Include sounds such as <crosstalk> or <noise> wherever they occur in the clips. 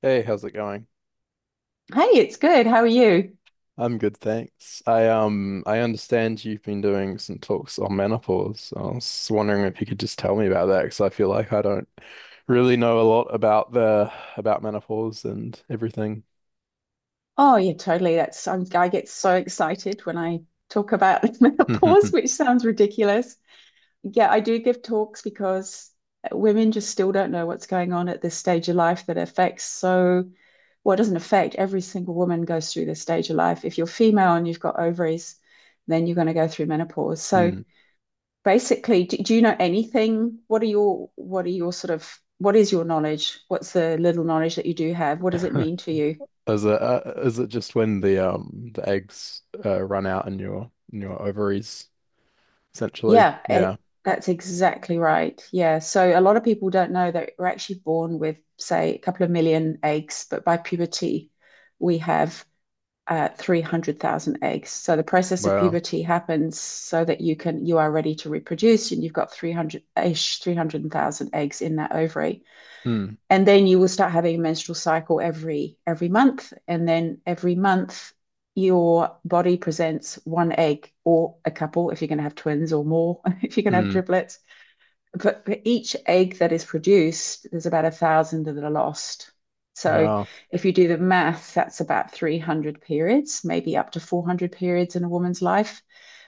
Hey, how's it going? Hey, it's good. How are you? I'm good, thanks. I understand you've been doing some talks on menopause. I was wondering if you could just tell me about that because I feel like I don't really know a lot about the about menopause and everything. Oh, yeah, totally. I get so excited when I talk about <laughs> menopause, <laughs> which sounds ridiculous. Yeah, I do give talks because women just still don't know what's going on at this stage of life that well, it doesn't affect, every single woman goes through this stage of life. If you're female and you've got ovaries, then you're going to go through menopause. So Mm. basically, do you know anything? What are your sort of What is your knowledge? What's the little knowledge that you do have? What does it <laughs> mean to you? Is it just when the eggs run out in your ovaries essentially? Yeah, Yeah. that's exactly right. Yeah. So a lot of people don't know that we're actually born with, say, a couple of million eggs, but by puberty, we have 300,000 eggs. So the process of Wow. puberty happens so that you are ready to reproduce, and you've got 300-ish, 300,000 eggs in that ovary. Mm. And then you will start having a menstrual cycle every month, and then every month your body presents one egg, or a couple if you're going to have twins, or more <laughs> if you're going to have Mm. triplets. But for each egg that is produced, there's about a thousand that are lost. So Wow. if you do the math, that's about 300 periods, maybe up to 400 periods, in a woman's life,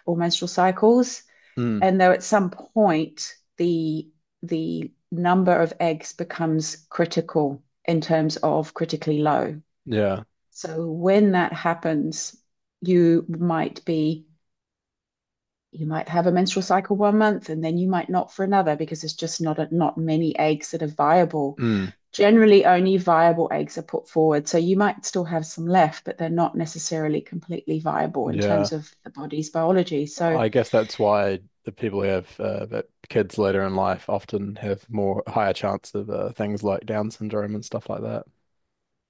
or menstrual cycles. Mm. And though at some point the number of eggs becomes critical, in terms of critically low. Yeah. So when that happens, you might be you might have a menstrual cycle one month, and then you might not for another, because there's just not many eggs that are viable. Mm. Generally, only viable eggs are put forward, so you might still have some left, but they're not necessarily completely viable in Yeah. terms of the body's biology. I guess that's why the people who have that kids later in life often have more higher chance of things like Down syndrome and stuff like that.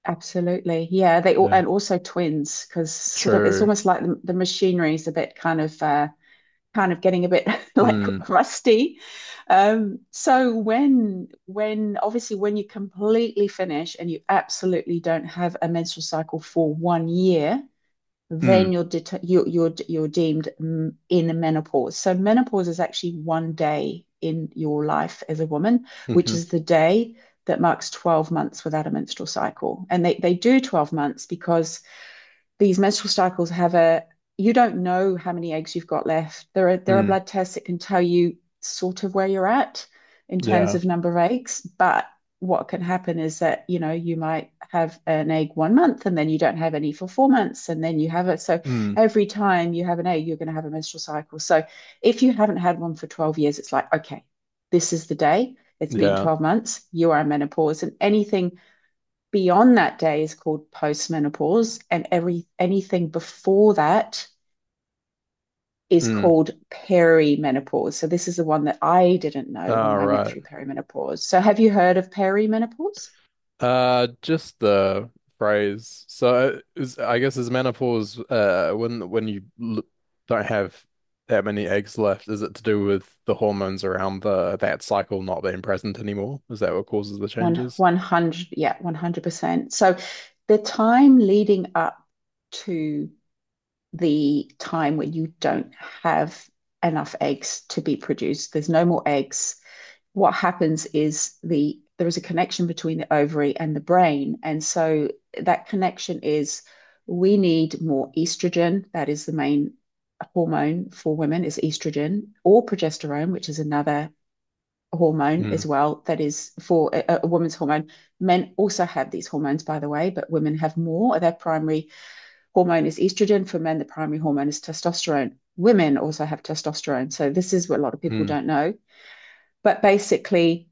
Absolutely. Yeah, they all Yeah. and also twins, because sort of it's True. almost like the machinery is a bit kind of getting a bit <laughs> like Mm. rusty. So when obviously, when you completely finish and you absolutely don't have a menstrual cycle for one year, Mm. then you're det- you're deemed, in menopause. So menopause is actually one day in your life as a woman, which Mm-hmm. is the day that marks 12 months without a menstrual cycle. And they do 12 months because these menstrual cycles have a you don't know how many eggs you've got left. There are Mm. blood tests that can tell you sort of where you're at in terms Yeah. of number of eggs. But what can happen is that, you know, you might have an egg one month, and then you don't have any for 4 months, and then you have it. So Mm. every time you have an egg, you're going to have a menstrual cycle. So if you haven't had one for 12 years, it's like, okay, this is the day, it's been Yeah. 12 months, you are in menopause. And anything beyond that day is called postmenopause, and every anything before that is Mm. called perimenopause. So this is the one that I didn't know when All I went right. through perimenopause. So have you heard of perimenopause? Just the phrase. So I guess is menopause when you l don't have that many eggs left, is it to do with the hormones around the that cycle not being present anymore? Is that what causes the One changes? one hundred, yeah, 100%. So the time leading up to the time when you don't have enough eggs to be produced. There's no more eggs. What happens is, there is a connection between the ovary and the brain. And so that connection is, we need more estrogen. That is the main hormone for women, is estrogen, or progesterone, which is another hormone as Mm, well, that is for a woman's hormone. Men also have these hormones, by the way, but women have more. Their primary hormone is estrogen. For men, the primary hormone is testosterone. Women also have testosterone, so this is what a lot of people mm, don't know. But basically,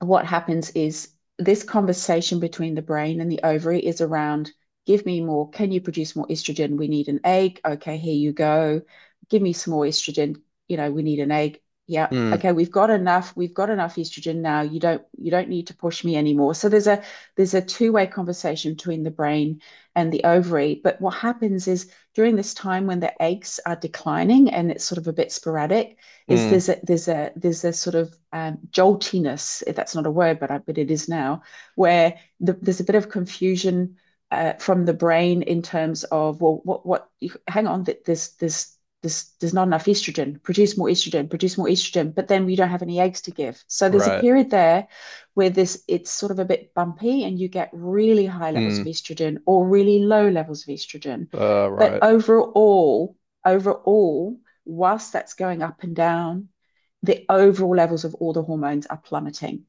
what happens is, this conversation between the brain and the ovary is around, give me more, can you produce more estrogen, we need an egg, okay, here you go, give me some more estrogen, you know, we need an egg, yeah, mm, okay, we've got enough estrogen now, you don't need to push me anymore. So there's a two-way conversation between the brain and the ovary. But what happens is, during this time when the eggs are declining and it's sort of a bit sporadic, is, mm, there's a sort of joltiness, if that's not a word, but but it is now. Where there's a bit of confusion, from the brain, in terms of, well, what hang on, that this, there's not enough estrogen, produce more estrogen, produce more estrogen, but then we don't have any eggs to give. So there's a right. period there where this it's sort of a bit bumpy, and you get really high levels Mm, of estrogen or really low levels of estrogen. But right. overall, overall whilst that's going up and down, the overall levels of all the hormones are plummeting.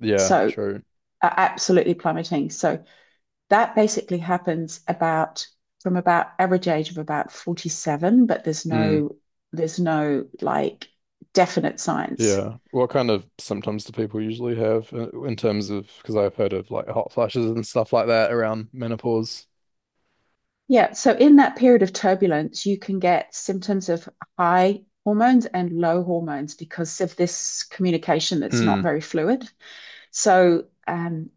Yeah, So, true. are absolutely plummeting. So, that basically happens about from about average age of about 47, but there's Mm, no, like, definite science. yeah. What kind of symptoms do people usually have in terms of, because I've heard of like hot flashes and stuff like that around menopause. Yeah, so in that period of turbulence, you can get symptoms of high hormones and low hormones, because of this communication that's not Mm, very fluid. So um,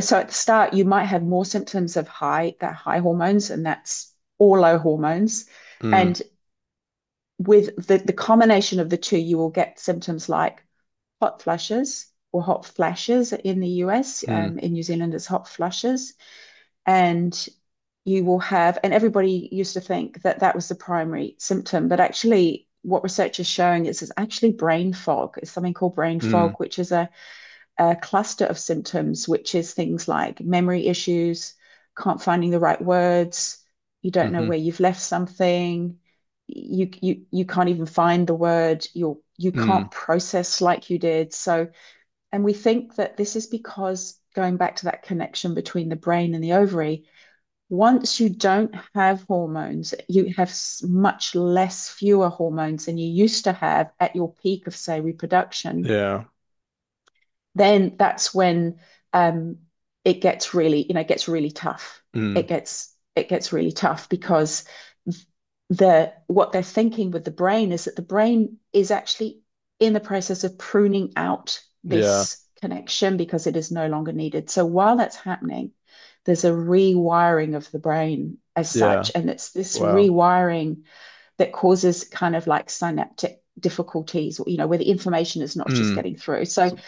so at the start you might have more symptoms of high hormones, and that's or low hormones. mm, And with the combination of the two, you will get symptoms like hot flushes, or hot flashes in the US, mm, in New Zealand it's hot flushes. And you will have and everybody used to think that that was the primary symptom, but actually what research is showing is, it's actually brain fog, it's something called brain fog, mm, which is a cluster of symptoms, which is things like memory issues, can't finding the right words, you don't know mm-hmm, where you've left something, you can't even find the word, you mm, can't process like you did. So, and we think that this is because, going back to that connection between the brain and the ovary, once you don't have hormones, you have much less, fewer hormones than you used to have at your peak of, say, reproduction, yeah, then that's when, um, it gets really, it gets really tough. mm, It gets really tough because the what they're thinking with the brain is, that the brain is actually in the process of pruning out yeah, this connection because it is no longer needed. So while that's happening, there's a rewiring of the brain as yeah. such. And it's this Wow. rewiring that causes kind of like synaptic difficulties, where the information is not just Mm. getting through. So So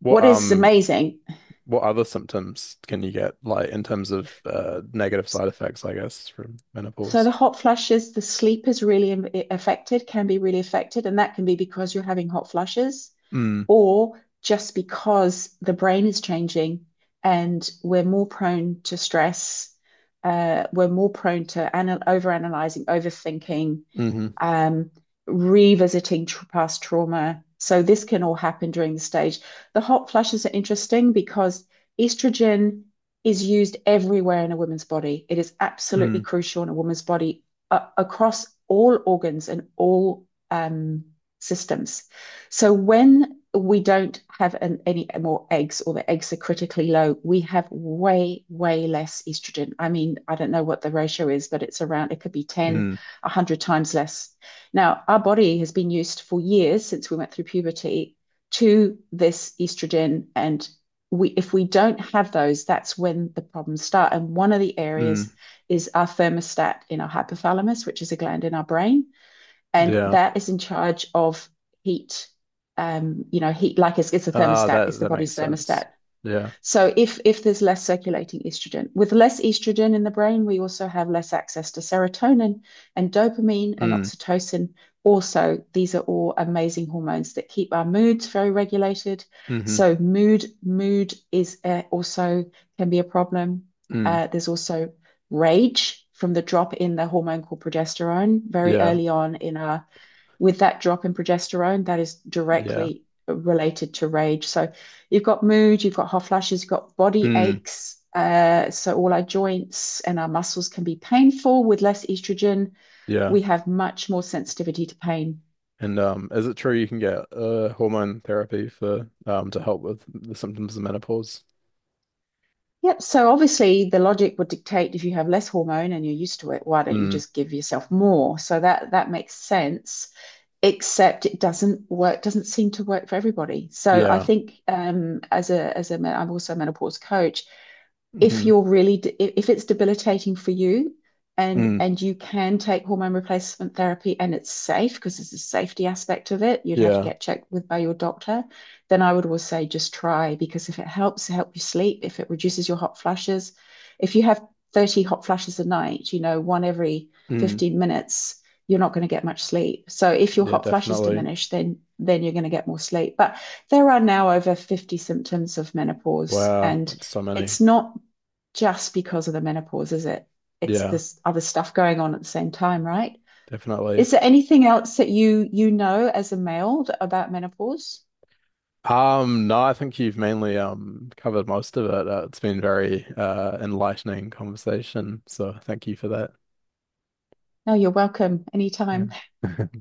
what, what is um, amazing what other symptoms can you get like in terms of negative side effects, I guess, from so menopause? the hot flushes, the sleep is really affected, can be really affected, and that can be because you're having hot flushes, Mm, or just because the brain is changing, and we're more prone to stress, we're more prone to overanalyzing, overthinking, hmm um, revisiting past trauma. So this can all happen during the stage. The hot flushes are interesting because estrogen is used everywhere in a woman's body. It is Mm, absolutely crucial in a woman's body, across all organs and all systems. So when we don't have any more eggs, or the eggs are critically low, we have way, way less estrogen. I mean, I don't know what the ratio is, but it's around, it could be mm, 10 100 times less. Now, our body has been used for years since we went through puberty to this estrogen. And if we don't have those, that's when the problems start. And one of the mm. areas is our thermostat in our hypothalamus, which is a gland in our brain. And Yeah. that is in charge of heat. Heat, like, it's a Ah, thermostat, it's the that makes body's sense. thermostat. Yeah. So if there's less circulating estrogen, with less estrogen in the brain, we also have less access to serotonin and dopamine and Mm, oxytocin. Also, these are all amazing hormones that keep our moods very regulated. hmm So mood is, also can be a problem. mm. There's also rage from the drop in the hormone called progesterone very Yeah. early on in our, with that drop in progesterone, that is Yeah. directly related to rage. So you've got mood, you've got hot flashes, you've got body Mm, aches. So all our joints and our muscles can be painful with less estrogen. yeah. We have much more sensitivity to pain. And is it true you can get hormone therapy for to help with the symptoms of menopause? Yep. So obviously, the logic would dictate, if you have less hormone and you're used to it, why don't you Mm, just give yourself more? So that makes sense. Except it doesn't work. Doesn't seem to work for everybody. So I yeah. think, as a I'm also a menopause coach. If Mm, if it's debilitating for you, and mm, and you can take hormone replacement therapy, and it's safe, because there's a safety aspect of it, you'd have to yeah. get checked with, by your doctor, then I would always say, just try. Because if it help you sleep, if it reduces your hot flushes, if you have 30 hot flushes a night, one every Mm, 15 minutes, you're not going to get much sleep. So if your yeah, hot flushes definitely. diminish, then you're going to get more sleep. But there are now over 50 symptoms of menopause, Wow, and that's so many. it's not just because of the menopause, is it? It's Yeah, this other stuff going on at the same time, right? definitely. Is there anything else that you know as a male about menopause? No, I think you've mainly covered most of it. It's been very enlightening conversation, so thank you for that. No, you're welcome anytime. Yeah. <laughs>